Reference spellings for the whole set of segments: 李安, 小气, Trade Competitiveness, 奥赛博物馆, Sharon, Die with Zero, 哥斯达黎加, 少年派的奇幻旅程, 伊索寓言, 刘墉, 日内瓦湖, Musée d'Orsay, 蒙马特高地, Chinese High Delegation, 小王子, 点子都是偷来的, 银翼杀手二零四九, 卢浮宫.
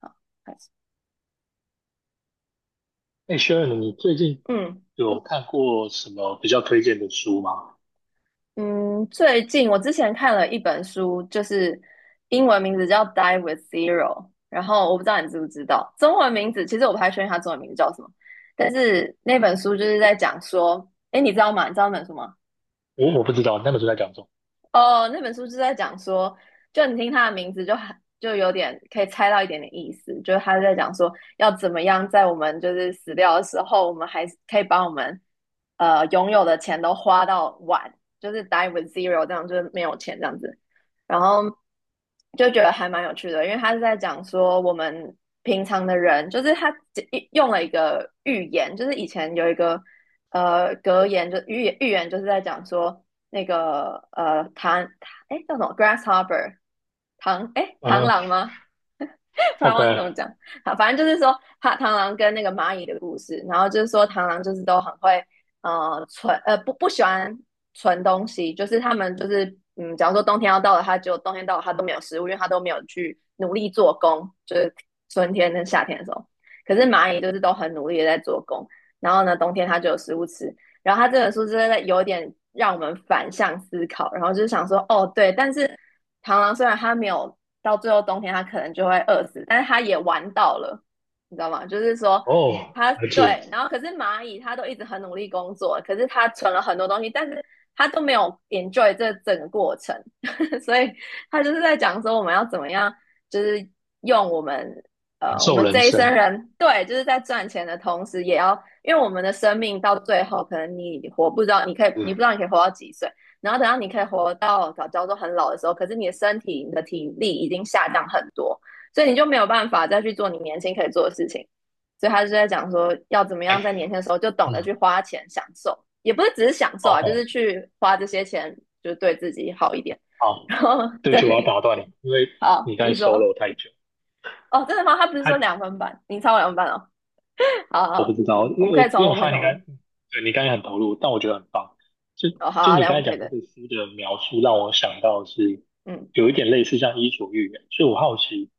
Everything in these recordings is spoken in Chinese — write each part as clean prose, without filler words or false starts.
好，开始。哎，Sharon，你最近嗯有看过什么比较推荐的书吗？嗯，最近我之前看了一本书，就是英文名字叫《Die with Zero》，然后我不知道你知不知道，中文名字其实我不太确定它中文名字叫什么，但是那本书就是在讲说，哎，你知道吗？你知道那本书吗？我不知道你那本书在讲什么。哦，那本书是在讲说，就你听它的名字就很就有点可以猜到一点点意思，就是他在讲说要怎么样在我们就是死掉的时候，我们还是可以把我们拥有的钱都花到完，就是 die with zero 这样，就是没有钱这样子。然后就觉得还蛮有趣的，因为他是在讲说我们平常的人，就是他用了一个寓言，就是以前有一个格言就寓言预言就是在讲说那个哎叫什么 grasshopper 哎螳啊螂吗？突然忘记怎，OK，么讲。好，反正就是说，他螳螂跟那个蚂蚁的故事，然后就是说，螳螂就是都很会，不喜欢存东西，就是他们就是，嗯，假如说冬天要到了，它就冬天到了，它都没有食物，因为它都没有去努力做工，就是春天跟夏天的时候。可是蚂蚁就是都很努力的在做工，然后呢，冬天它就有食物吃。然后它这本书真的有点让我们反向思考，然后就是想说，哦，对，但是螳螂虽然它没有到最后冬天它可能就会饿死，但是它也玩到了，你知道吗？就是说哦，它了解，对，然后可是蚂蚁它都一直很努力工作，可是它存了很多东西，但是它都没有 enjoy 这整个过程，所以它就是在讲说我们要怎么样，就是用我们。感我受们人这一生生。人，对，就是在赚钱的同时，也要，因为我们的生命到最后，可能你活不知道，你可以，你不嗯，知道你可以活到几岁，然后等到你可以活到早教都很老的时候，可是你的身体、你的体力已经下降很多，所以你就没有办法再去做你年轻可以做的事情。所以他就在讲说，要怎么哎，样在年轻的时候就懂得去嗯花钱享受，也不是只是享受啊，就是，OK，去花这些钱，就是对自己好一点。好，然后对不对，起，我要打断你，因为你好，刚你才 说 solo 太久。哦，真的吗？他不是说太。两分半，你超过两分半哦。好我不好，知道，因我们为我可以重因为录，我我们可以发现重你刚录。才很投入，但我觉得很棒。就哦，好，就好，等一你下我刚们才可以讲这的。个书的描述，让我想到是嗯，有一点类似像《伊索寓言》，所以我好奇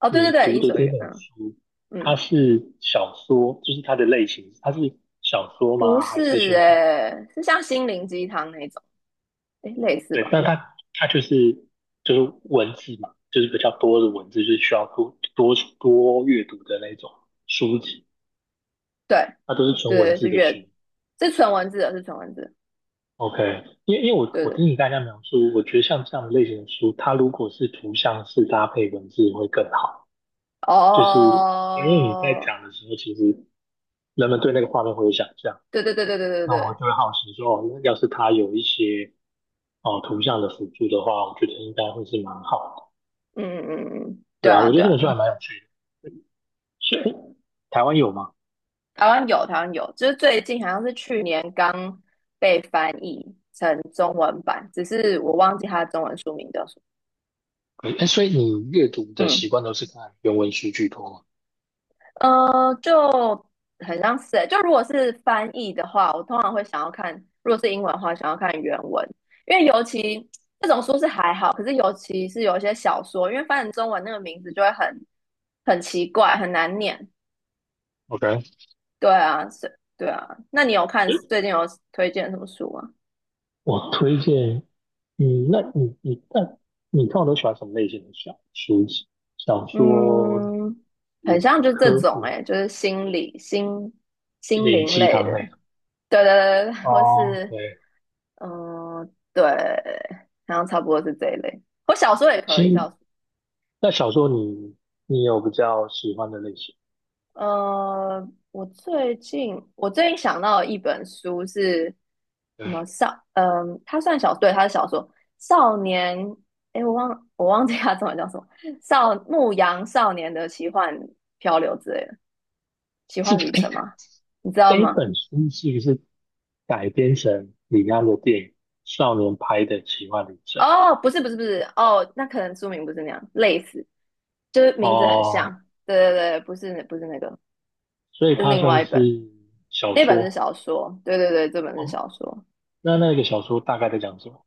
哦，对对你对，读伊的索寓这言，本嗯书，它嗯，是小说，就是它的类型，它是小说不吗？还是是就是诶、是像心灵鸡汤那种，诶、类似对？吧？但它就是文字嘛，就是比较多的文字，就是需要多多阅读的那种书籍，对它都是纯文对，字是的阅，书。是纯文字的，是纯文字的，OK，因为我对我听对，你大家描述，我觉得像这样的类型的书，它如果是图像式搭配文字会更好。就是因为你在哦，讲的时候，其实人们对那个画面会有想象，对对对对对对那我对，就会好奇说，哦，要是它有一些哦图像的辅助的话，我觉得应该会是蛮好的。嗯嗯嗯嗯，对对啊，啊我觉得对这啊本书对啊还蛮有趣的。所以台湾有吗？台湾有台湾有，就是最近好像是去年刚被翻译成中文版，只是我忘记它的中文书名叫什哎，所以你阅读么，的嗯。习惯都是看原文书居多吗就很像是欸，就如果是翻译的话，我通常会想要看，如果是英文的话，想要看原文，因为尤其这种书是还好，可是尤其是有一些小说，因为翻成中文那个名字就会很很奇怪，很难念。？OK，对啊，是，对啊。那你有看最近有推荐什么书吗？我推荐那你你看我都喜欢什么类型的小书籍？小说、嗯，很像是就这科种普、哎、欸就是心理心心心灵灵鸡类汤那的，种？对对对，对或哦，是对，嗯，对，然后差不多是这一类。我小说也可其以，小实说。那小说你有比较喜欢的类型？我最近想到一本书是什对，么少？它算小，对，它是小说。少年，诶，我忘记它中文叫什么，牧羊少年的奇幻漂流之类的，奇幻旅程吗？你知道这一吗？本书是不是改编成李安的电影《少年派的奇幻旅程》？哦，不是不是不是，哦，那可能书名不是那样，类似，就是名字很哦，像。对对对，不是不是那个，所以是它另算外一本。是小那本是说。小说，对对对，这本是哦，小说。那那个小说大概在讲什么？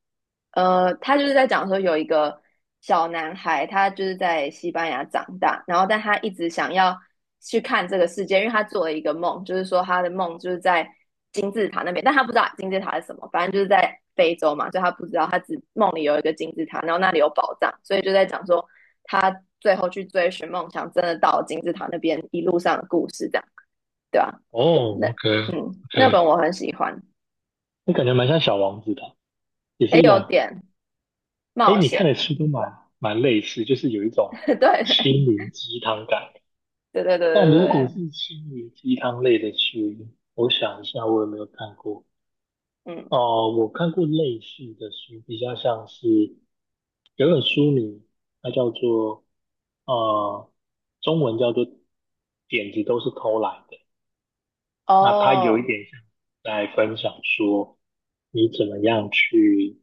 他就是在讲说有一个小男孩，他就是在西班牙长大，然后但他一直想要去看这个世界，因为他做了一个梦，就是说他的梦就是在金字塔那边，但他不知道金字塔是什么，反正就是在非洲嘛，所以他不知道，他只梦里有一个金字塔，然后那里有宝藏，所以就在讲说他最后去追寻梦想，真的到金字塔那边一路上的故事，这样对吧、哦那，OK 那本 OK，我很喜欢，那感觉蛮像《小王子》的，也是也一有种。点。哎，冒你看险，的书都蛮类似，就是有一 种对对心灵鸡汤感。对对对但如果是对，心灵鸡汤类的书，我想一下，我有没有看过？嗯，哦、我看过类似的书，比较像是有一本书名，它叫做呃，中文叫做"点子都是偷来的"。那他有一哦，点像在分享说，你怎么样去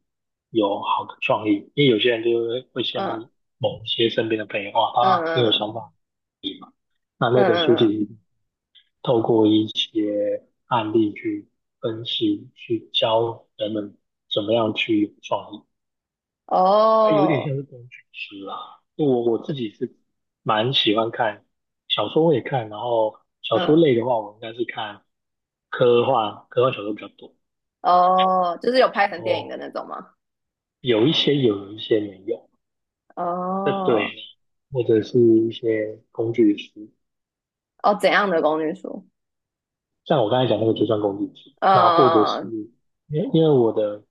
有好的创意，因为有些人就会羡嗯慕某些身边的朋友，哇，嗯他很有嗯想法。那嗯那本书嗯其嗯，实透过一些案例去分析，去教人们怎么样去有创意，它有点哦，像是工具书啦。我自己是蛮喜欢看小说，我也看，然后小说嗯类的话，我应该是看科幻，科幻小说比较多。哦，就是有拍成电影的哦，那种吗？有一些有，有一些没有。这对，哦或者是一些工具书，哦，怎样的公寓书？像我刚才讲那个就算工具书。那或者嗯，嗯嗯是嗯因为我的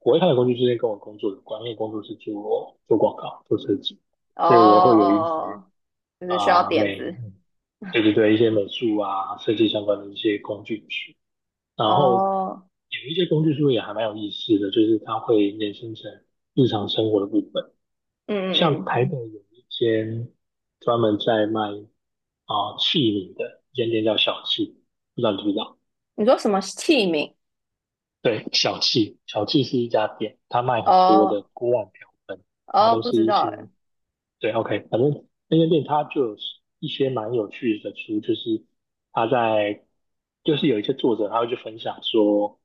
我会看的工具书是跟我工作的关，因为工作是做广告、做设计，哦所以我会有一些哦，就是需要啊、点美，子。对对对，一些美术啊、设计相关的一些工具书。然后哦，有一些工具书也还蛮有意思的，就是它会衍生成日常生活的部分。嗯嗯像嗯，台北有一间专门在卖啊器皿的一间店叫小气，不知道你知不知道？你说什么器皿？对，小气，小气是一家店，它卖很多的哦锅碗瓢盆，然后哦，都不是知一道些哎，对，OK，反正那间店它就有一些蛮有趣的书，就是他在就是有一些作者他会去分享说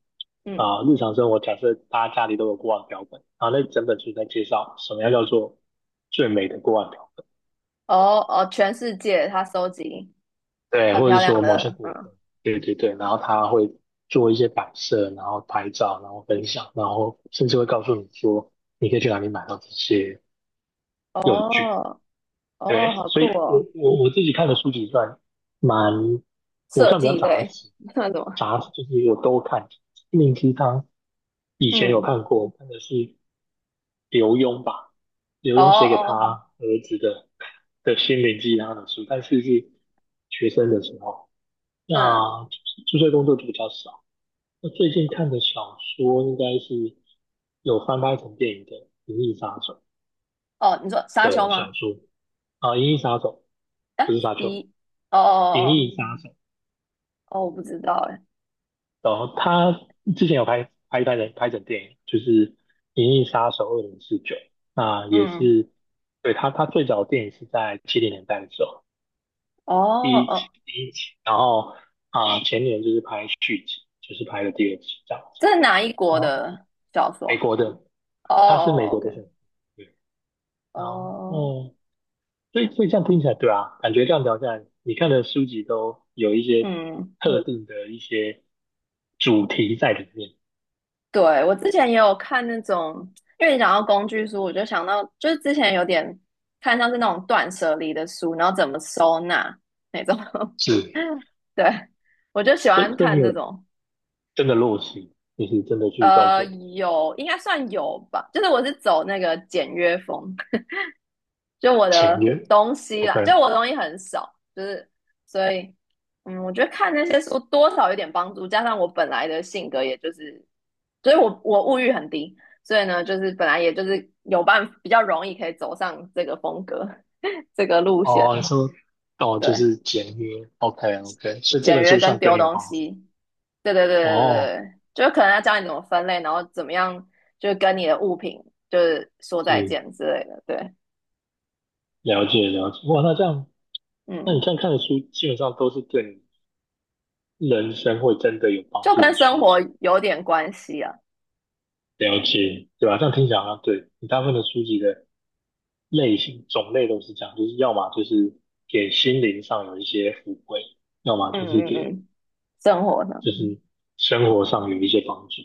嗯，啊、日常生活假设大家家里都有锅碗瓢盆，然后那整本书在介绍什么样叫做最美的锅碗瓢盆。哦哦，全世界他收集对，很或者漂亮说某些的，国家，嗯，对对对，然后他会做一些摆设，然后拍照，然后分享，然后甚至会告诉你说你可以去哪里买到这些用具。哦。对，哦，好所酷以哦，我自己看的书籍算蛮，我设算比较计杂类 食，那什么？杂食就是我都看。心灵鸡汤以前有嗯，看过，看的是刘墉吧，刘哦墉写给哦，他儿子的心灵鸡汤的书，但是是学生的时候。那嗯，注册工作就比较少。那最近看的小说应该是有翻拍成电影的《银翼杀手》哦，你说沙丘的小吗？说啊，银翼杀手》啊，不是沙丘，一，哦《银哦翼杀手》。哦哦，我不知道哎，然后他之前有拍成电影，就是《银翼杀手二零四九》，那也嗯，是对他最早的电影是在七零年代的时候哦哦，第一期，然后啊、前年就是拍续集，就是拍了第二集这样子。这是哪一国然后的小说美国的啊哦他是美哦国的，OK，选手。对，然哦，后，所以这样听起来，对啊，感觉这样聊下来，你看的书籍都有一些嗯，特定的一些主题在里面，对，我之前也有看那种，因为你讲到工具书，我就想到，就是之前有点看像是那种断舍离的书，然后怎么收纳那种，是 对，我就喜所以欢所以你看这有种。真的落实，就是真的去断舍离。有，应该算有吧。就是我是走那个简约风，就我前的面 东西 OK，啦，就我的东西很少，就是所以，嗯，我觉得看那些书多少有点帮助，加上我本来的性格，也就是，所以我物欲很低，所以呢，就是本来也就是有办比较容易可以走上这个风格 这个路线，哦，你说哦，就对。是简约 OK OK，所以这简本约书跟算对丢你有东帮助。西。对对对对对，哦，对就是可能要教你怎么分类，然后怎么样，就是跟你的物品就是说再是，见之类的。对，了解了解。哇，那这样，那你这嗯，样看的书，基本上都是对你人生会真的有帮就助的跟书生活籍。有点关系啊。了解，对吧、这样听起来好像对，你大部分的书籍的类型种类都是这样，就是要么就是给心灵上有一些抚慰，要么嗯就是嗯给嗯，生活呢，就是生活上有一些帮助。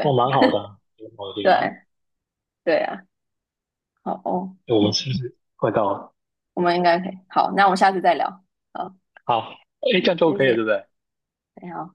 哦，蛮好的啊，蛮好的，挺好的对对啊。好哦，诶我们是不是快到了？我们应该可以。好，那我们下次再聊。好，好，哎，这样就 谢 OK 了，谢，对不对？你好。